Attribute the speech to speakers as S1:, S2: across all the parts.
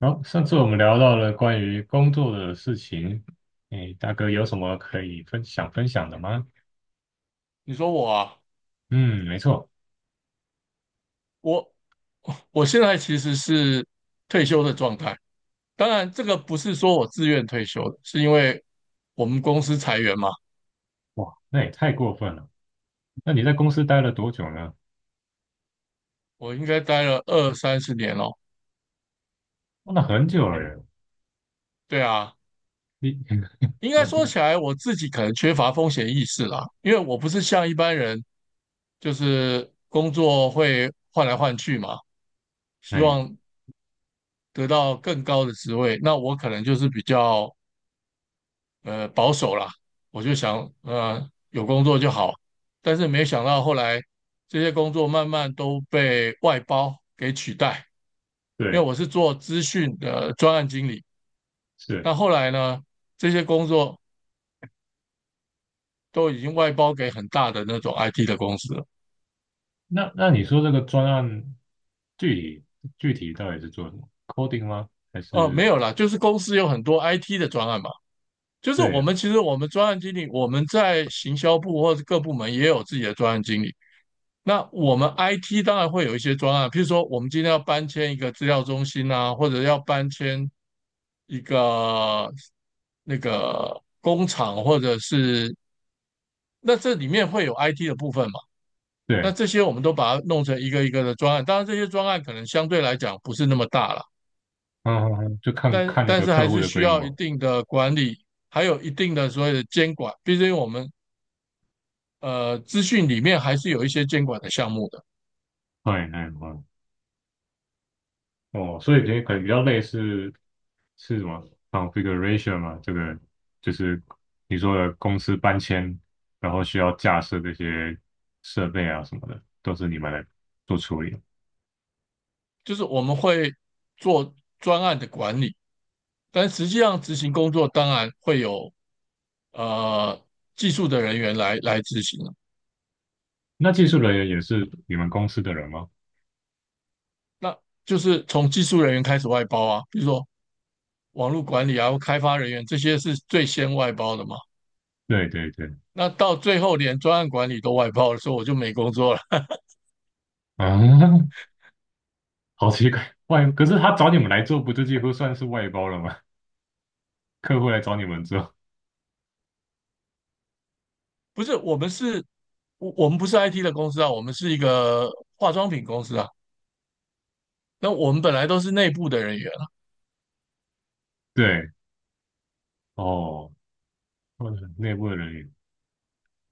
S1: 好，上次我们聊到了关于工作的事情，诶，大哥有什么可以分享分享的吗？
S2: 你说我啊，
S1: 嗯，没错。
S2: 我我现在其实是退休的状态。当然，这个不是说我自愿退休的，是因为我们公司裁员嘛。
S1: 哇，那也太过分了。那你在公司待了多久呢？
S2: 我应该待了二三十年哦。
S1: 哦，那很久了耶。
S2: 对啊，
S1: 你，
S2: 应该说起来，我自己可能缺乏风险意识啦，因为我不是像一般人，就是工作会换来换去嘛，希
S1: 哎，
S2: 望得到更高的职位。那我可能就是比较保守啦，我就想有工作就好，但是没想到后来这些工作慢慢都被外包给取代，因为
S1: 对，
S2: 我是做资讯的专案经理，
S1: 是。
S2: 那后来呢这些工作都已经外包给很大的那种 IT 的公司了。
S1: 那你说这个专案具体具体到底是做什么？coding 吗？还
S2: 哦，没
S1: 是。
S2: 有啦，就是公司有很多 IT 的专案嘛，就是
S1: 对
S2: 我
S1: 啊，
S2: 们其实我们专案经理，我们在行销部或者各部门也有自己的专案经理，那我们 IT 当然会有一些专案，譬如说我们今天要搬迁一个资料中心啊，或者要搬迁一个那个工厂，或者是那这里面会有 IT 的部分嘛？那
S1: 对。
S2: 这些我们都把它弄成一个一个的专案，当然这些专案可能相对来讲不是那么大了，
S1: 嗯嗯嗯，就看
S2: 但
S1: 看那
S2: 但
S1: 个
S2: 是
S1: 客
S2: 还
S1: 户
S2: 是
S1: 的
S2: 需
S1: 规
S2: 要一
S1: 模。
S2: 定的管理，还有一定的所谓的监管，毕竟我们资讯里面还是有一些监管的项目的，
S1: 哎哎哦，哦，所以可能比较类似是什么 configuration 嘛？这个就是你说的公司搬迁，然后需要架设这些设备啊什么的，都是你们来做处理。
S2: 就是我们会做专案的管理。但实际上执行工作当然会有呃技术的人员来执行了，
S1: 那技术人员也是你们公司的人吗？
S2: 那就是从技术人员开始外包啊，比如说网络管理啊、开发人员这些是最先外包的嘛。
S1: 对对对。
S2: 那到最后连专案管理都外包的时候，我就没工作了。
S1: 啊，好奇怪，可是他找你们来做，不就几乎算是外包了吗？客户来找你们做。
S2: 不是，我们是，我们不是 IT 的公司啊，我们是一个化妆品公司啊。那我们本来都是内部的人员啊，
S1: 对，哦，或者内部的人员。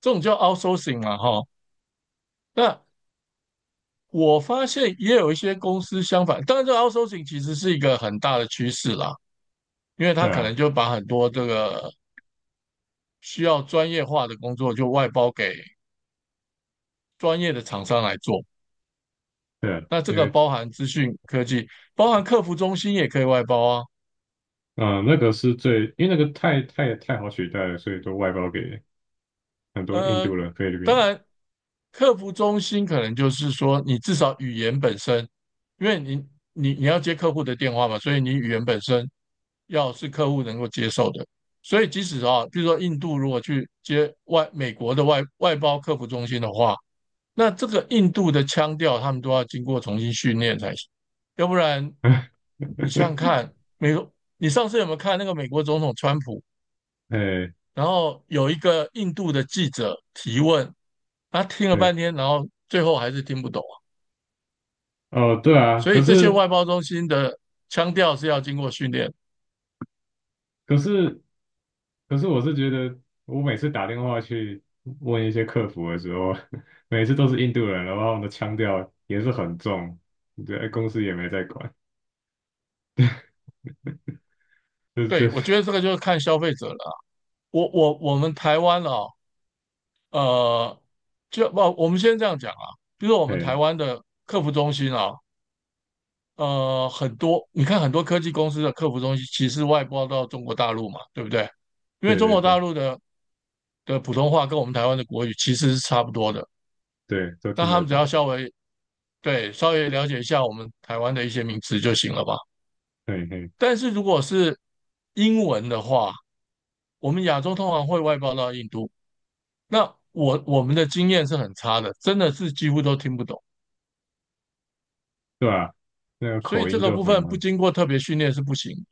S2: 这种叫 outsourcing 嘛，哈。那我发现也有一些公司相反，当然这个 outsourcing 其实是一个很大的趋势啦，因为
S1: 对
S2: 它可
S1: 啊，
S2: 能就把很多这个需要专业化的工作就外包给专业的厂商来做。
S1: 对啊，
S2: 那这
S1: 因
S2: 个
S1: 为。
S2: 包含资讯科技，包含客服中心也可以外包啊。
S1: 嗯，那个是最。因为那个太太太好取代了，所以都外包给很多印
S2: 呃，
S1: 度人、菲律宾
S2: 当
S1: 人。
S2: 然，客服中心可能就是说，你至少语言本身，因为你要接客户的电话嘛，所以你语言本身要是客户能够接受的。所以即使啊，比如说印度如果去接美国的外包客服中心的话，那这个印度的腔调他们都要经过重新训练才行，要不然你想想 看，美国，你上次有没有看那个美国总统川普？
S1: 哎，
S2: 然后有一个印度的记者提问，他听了
S1: 对，
S2: 半天，然后最后还是听不懂啊。
S1: 哦，对啊。
S2: 所以这些外包中心的腔调是要经过训练。
S1: 可是可是，我是觉得我每次打电话去问一些客服的时候，每次都是印度人，然后他们的腔调也是很重。对，公司也没在管。就
S2: 对，我觉得这个就是看消费者了啊我们台湾哦，呃，就不，我们先这样讲啊，就是我们
S1: 哎。
S2: 台湾的客服中心啊，你看很多科技公司的客服中心其实外包到中国大陆嘛，对不对？因为
S1: 对
S2: 中
S1: 对
S2: 国大
S1: 对
S2: 陆的普通话跟我们台湾的国语其实是差不多的，
S1: 对，都
S2: 那
S1: 听
S2: 他
S1: 得
S2: 们只
S1: 懂。
S2: 要稍微对，稍微了解一下我们台湾的一些名词就行了吧。
S1: 对嘿，
S2: 但是如果是英文的话，我们亚洲通常会外包到印度，那我们的经验是很差的，真的是几乎都听不懂，
S1: 对啊。那个
S2: 所以
S1: 口
S2: 这
S1: 音
S2: 个
S1: 就
S2: 部
S1: 很
S2: 分不
S1: 嗯。
S2: 经过特别训练是不行。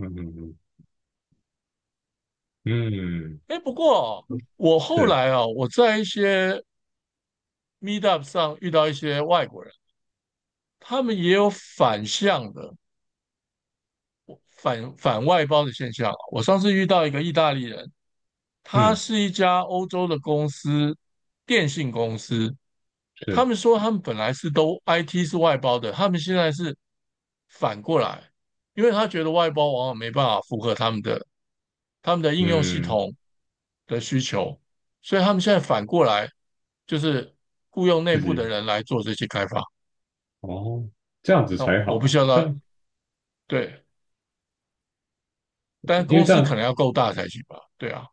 S1: 嗯嗯嗯，
S2: 哎，不过我后
S1: 是，
S2: 来啊，我在一些 Meetup 上遇到一些外国人，他们也有反向的反外包的现象啊我上次遇到一个意大利人，它
S1: 嗯，
S2: 是一家欧洲的公司，电信公司。
S1: 是，
S2: 他们说他们本来是都 IT 是外包的，他们现在是反过来，因为他觉得外包往往没办法符合他们的应用系
S1: 嗯，
S2: 统的需求，所以他们现在反过来就是雇佣内
S1: 自
S2: 部的
S1: 己，
S2: 人来做这些开发。
S1: 哦。这样子
S2: 那
S1: 才好
S2: 我不
S1: 啊
S2: 需要
S1: 这
S2: 他
S1: 样。
S2: 对，但
S1: 因为
S2: 公
S1: 这
S2: 司可
S1: 样。
S2: 能要够大才行吧？对啊。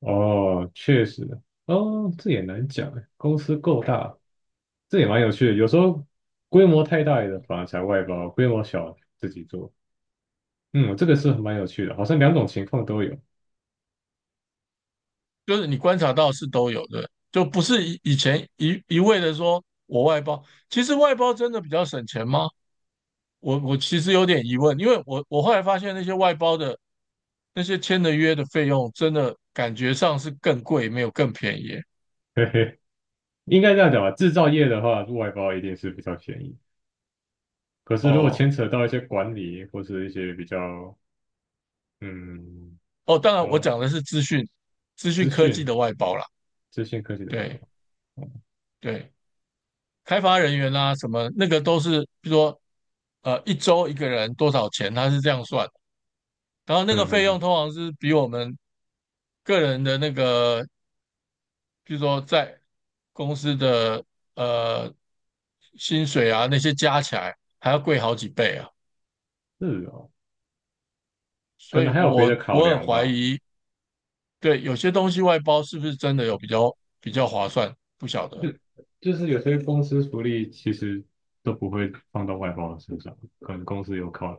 S1: 哦，确实。哦，这也难讲哎。公司够大。这也蛮有趣的。有时候规模太大的反而才外包，规模小自己做。嗯，这个是蛮有趣的，好像两种情况都有。
S2: 就是你观察到是都有的，就不是以前一味的说我外包，其实外包真的比较省钱吗？我其实有点疑问，因为我后来发现那些外包的那些签的约的费用，真的感觉上是更贵，没有更便宜。
S1: 嘿嘿，应该这样讲吧。制造业的话，外包一定是比较便宜。可是如果牵
S2: 哦
S1: 扯到一些管理或是一些比较嗯
S2: 哦，当然我
S1: 呃
S2: 讲的是资讯资
S1: 资
S2: 讯科技
S1: 讯
S2: 的外包啦，
S1: 资讯科技的外
S2: 对
S1: 包。嗯
S2: 对，开发人员啦、什么那个都是，比如说一周一个人多少钱，他是这样算。然后那个
S1: 嗯
S2: 费用
S1: 嗯，
S2: 通常是比我们个人的那个，比如说在公司的呃薪水啊那些加起来还要贵好几倍啊，
S1: 是哦，可
S2: 所以
S1: 能还有别的
S2: 我
S1: 考
S2: 我很
S1: 量
S2: 怀
S1: 吧。
S2: 疑，对，有些东西外包是不是真的有比较划算，不晓
S1: 就
S2: 得。
S1: 就是有些公司福利其实都不会放到外包的身上，可能公司有考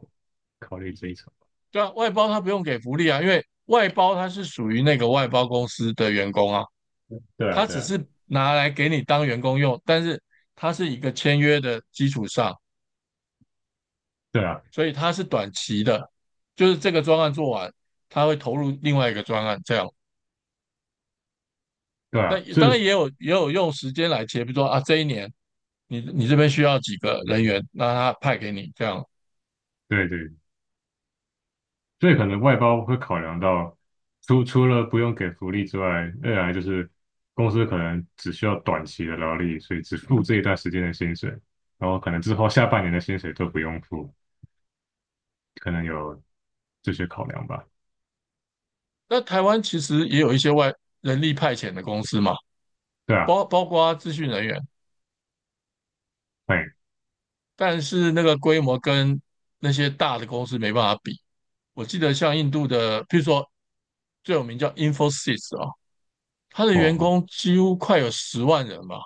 S1: 考虑这一层。
S2: 对啊，外包他不用给福利啊，因为外包他是属于那个外包公司的员工啊，
S1: 对啊，
S2: 他
S1: 对
S2: 只
S1: 啊，
S2: 是拿来给你当员工用，但是他是一个签约的基础上。
S1: 对啊，
S2: 所以它是短期的，就是这个专案做完，他会投入另外一个专案这样。
S1: 对
S2: 那
S1: 啊。
S2: 当然也有用时间来切，比如说啊这一年你这边需要几个人员，那他派给你这样。
S1: 对对，所以可能外包会考量到，除了不用给福利之外，二来就是公司可能只需要短期的劳力，所以只付这一段时间的薪水，然后可能之后下半年的薪水都不用付，可能有这些考量吧。
S2: 那台湾其实也有一些人力派遣的公司嘛，
S1: 对啊，
S2: 包括资讯人员，
S1: 哎，
S2: 但是那个规模跟那些大的公司没办法比。我记得像印度的，譬如说最有名叫 Infosys 啊，他的员
S1: 哦，
S2: 工几乎快有10万人吧，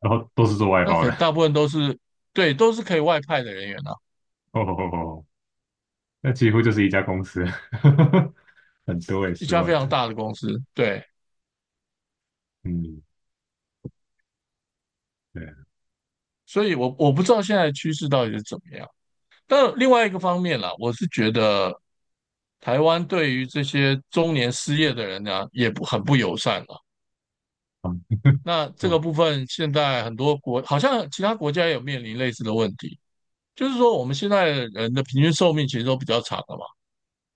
S1: 然后都是做外
S2: 那可
S1: 包的。
S2: 能大部分都是对，都是可以外派的人员啊，
S1: 哦哦哦。哦，那几乎就是一家公司。很多诶，
S2: 一
S1: 十
S2: 家非
S1: 万
S2: 常
S1: 人。
S2: 大的公司，对，
S1: 嗯，对啊。
S2: 所以我不知道现在的趋势到底是怎么样。但另外一个方面啦，我是觉得台湾对于这些中年失业的人呢，也不很不友善了。那这
S1: 我
S2: 个部分，现在很多好像其他国家也有面临类似的问题，就是说我们现在人的平均寿命其实都比较长了嘛。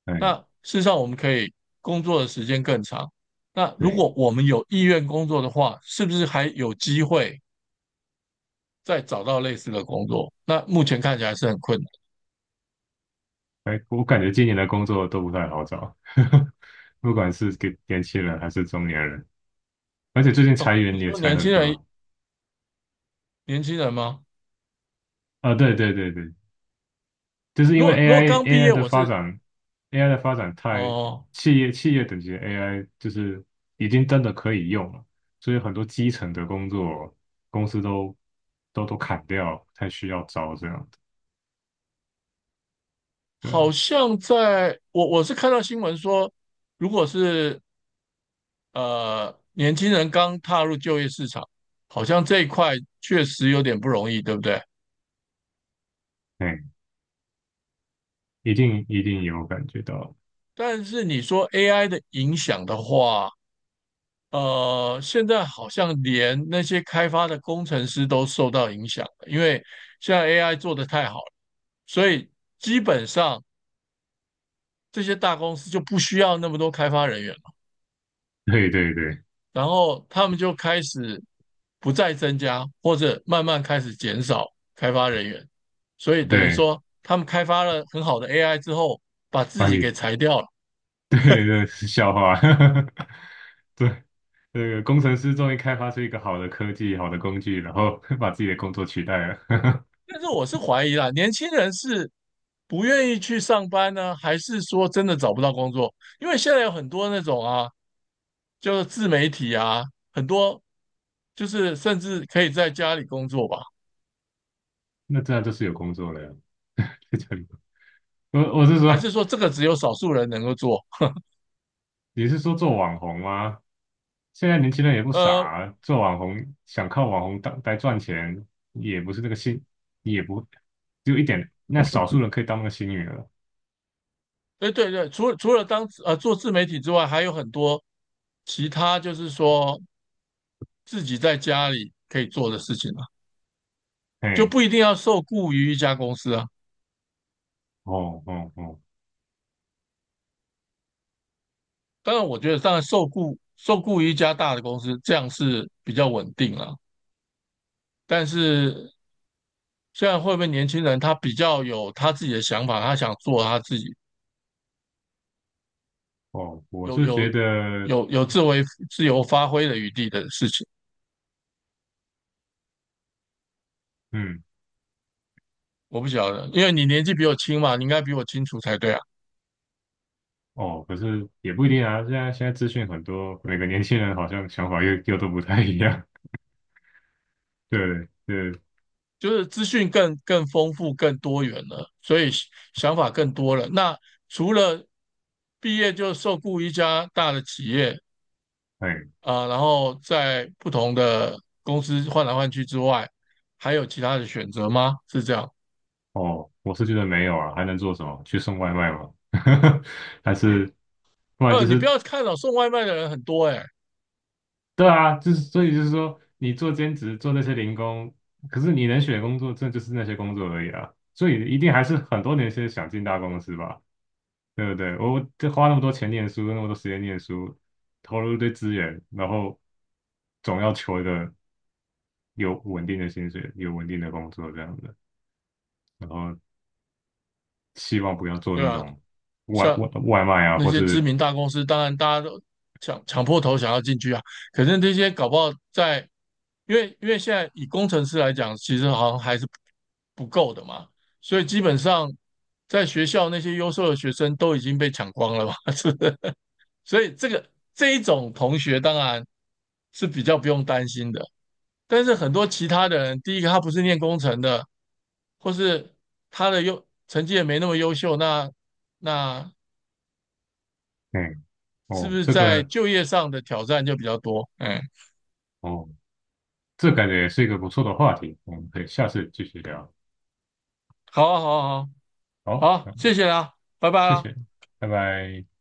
S1: 哎，
S2: 那事实上，我们可以工作的时间更长。那如
S1: 对。
S2: 果我们有意愿工作的话，是不是还有机会再找到类似的工作？那目前看起来是很困难
S1: 哎，我感觉今年的工作都不太好找，不管是给年轻人还是中年人，而且最近裁
S2: 哦。
S1: 员
S2: 你
S1: 也
S2: 说
S1: 裁
S2: 年
S1: 很
S2: 轻人，
S1: 多。
S2: 年轻人吗？
S1: 啊，对对对对，就是因
S2: 如
S1: 为
S2: 果如果
S1: AI
S2: 刚毕
S1: AI
S2: 业，
S1: 的
S2: 我
S1: 发
S2: 是
S1: 展。AI 的发展太。
S2: 哦、
S1: 企业等级的 AI 就是已经真的可以用了，所以很多基层的工作公司都砍掉，不太需要招这样。对
S2: 好
S1: 啊，
S2: 像在我是看到新闻说，如果是年轻人刚踏入就业市场，好像这一块确实有点不容易，对不对？
S1: 哎，一定一定有感觉到。
S2: 但是你说 AI 的影响的话，现在好像连那些开发的工程师都受到影响了，因为现在 AI 做得太好了，所以基本上这些大公司就不需要那么多开发人员了，
S1: 对对对
S2: 然后他们就开始不再增加，或者慢慢开始减少开发人员，所以等于
S1: 对，
S2: 说他们开发了很好的 AI 之后，把
S1: 把
S2: 自己
S1: 你
S2: 给裁掉了，
S1: 对对是笑话。对，那个工程师终于开发出一个好的科技、好的工具，然后 把自己的工作取代了。
S2: 但是我是怀疑啦，年轻人是不愿意去上班呢，还是说真的找不到工作？因为现在有很多那种啊，就是自媒体啊，很多就是甚至可以在家里工作吧？
S1: 那这样就是有工作了呀。在这里。我是
S2: 还
S1: 说，
S2: 是说这个只有少数人能够做？
S1: 你是说做网红吗？现在年轻人也不傻
S2: 呃，
S1: 啊做网红想靠网红当来赚钱。也不是那个幸，也不只有一点，那少数人可以当那个幸运儿。
S2: 对对对，除了当做自媒体之外，还有很多其他就是说自己在家里可以做的事情啊，就
S1: 哎。
S2: 不一定要受雇于一家公司啊。
S1: 哦哦哦
S2: 当然，我觉得当然受雇于一家大的公司，这样是比较稳定了。但是现在会不会年轻人他比较有他自己的想法，他想做他自己
S1: 哦，我
S2: 有
S1: 是觉
S2: 有
S1: 得。
S2: 有自由发挥的余地的事情，
S1: 嗯，
S2: 我不晓得，因为你年纪比我轻嘛，你应该比我清楚才对啊。
S1: 哦，可是也不一定啊。现在资讯很多，每个年轻人好像想法又都不太一样。对对，
S2: 就是资讯更丰富、更多元了，所以想法更多了。那除了毕业就受雇一家大的企业，
S1: 哎，
S2: 啊、然后在不同的公司换来换去之外，还有其他的选择吗？是这样？
S1: 哦，我是觉得没有啊，还能做什么？去送外卖吗？还是。不然就
S2: 你不
S1: 是。
S2: 要看哦，送外卖的人很多哎、
S1: 对啊，就是所以就是说，你做兼职做那些零工，可是你能选的工作，这就是那些工作而已啊。所以一定还是很多年轻人想进大公司吧。对不对？我这花那么多钱念书，那么多时间念书，投入一堆资源，然后总要求一个有稳定的薪水、有稳定的工作这样子，然后希望不要做
S2: 对
S1: 那
S2: 啊，
S1: 种外
S2: 像
S1: 外外卖啊，
S2: 那
S1: 或
S2: 些知
S1: 是。
S2: 名大公司，当然大家都抢破头想要进去啊，可是这些搞不好在，因为现在以工程师来讲，其实好像还是不够的嘛，所以基本上在学校那些优秀的学生都已经被抢光了嘛，是不是？所以这一种同学当然是比较不用担心的。但是很多其他的人，第一个他不是念工程的，或是他的成绩也没那么优秀，那那
S1: 嗯
S2: 是不
S1: 哦，
S2: 是
S1: 这
S2: 在
S1: 个，
S2: 就业上的挑战就比较多？哎，
S1: 哦，这感觉也是一个不错的话题，我们可以下次继续聊。
S2: 好啊，好啊，好
S1: 好，
S2: 啊好，
S1: 嗯，
S2: 谢谢啦，拜拜
S1: 谢
S2: 啦。
S1: 谢，拜拜。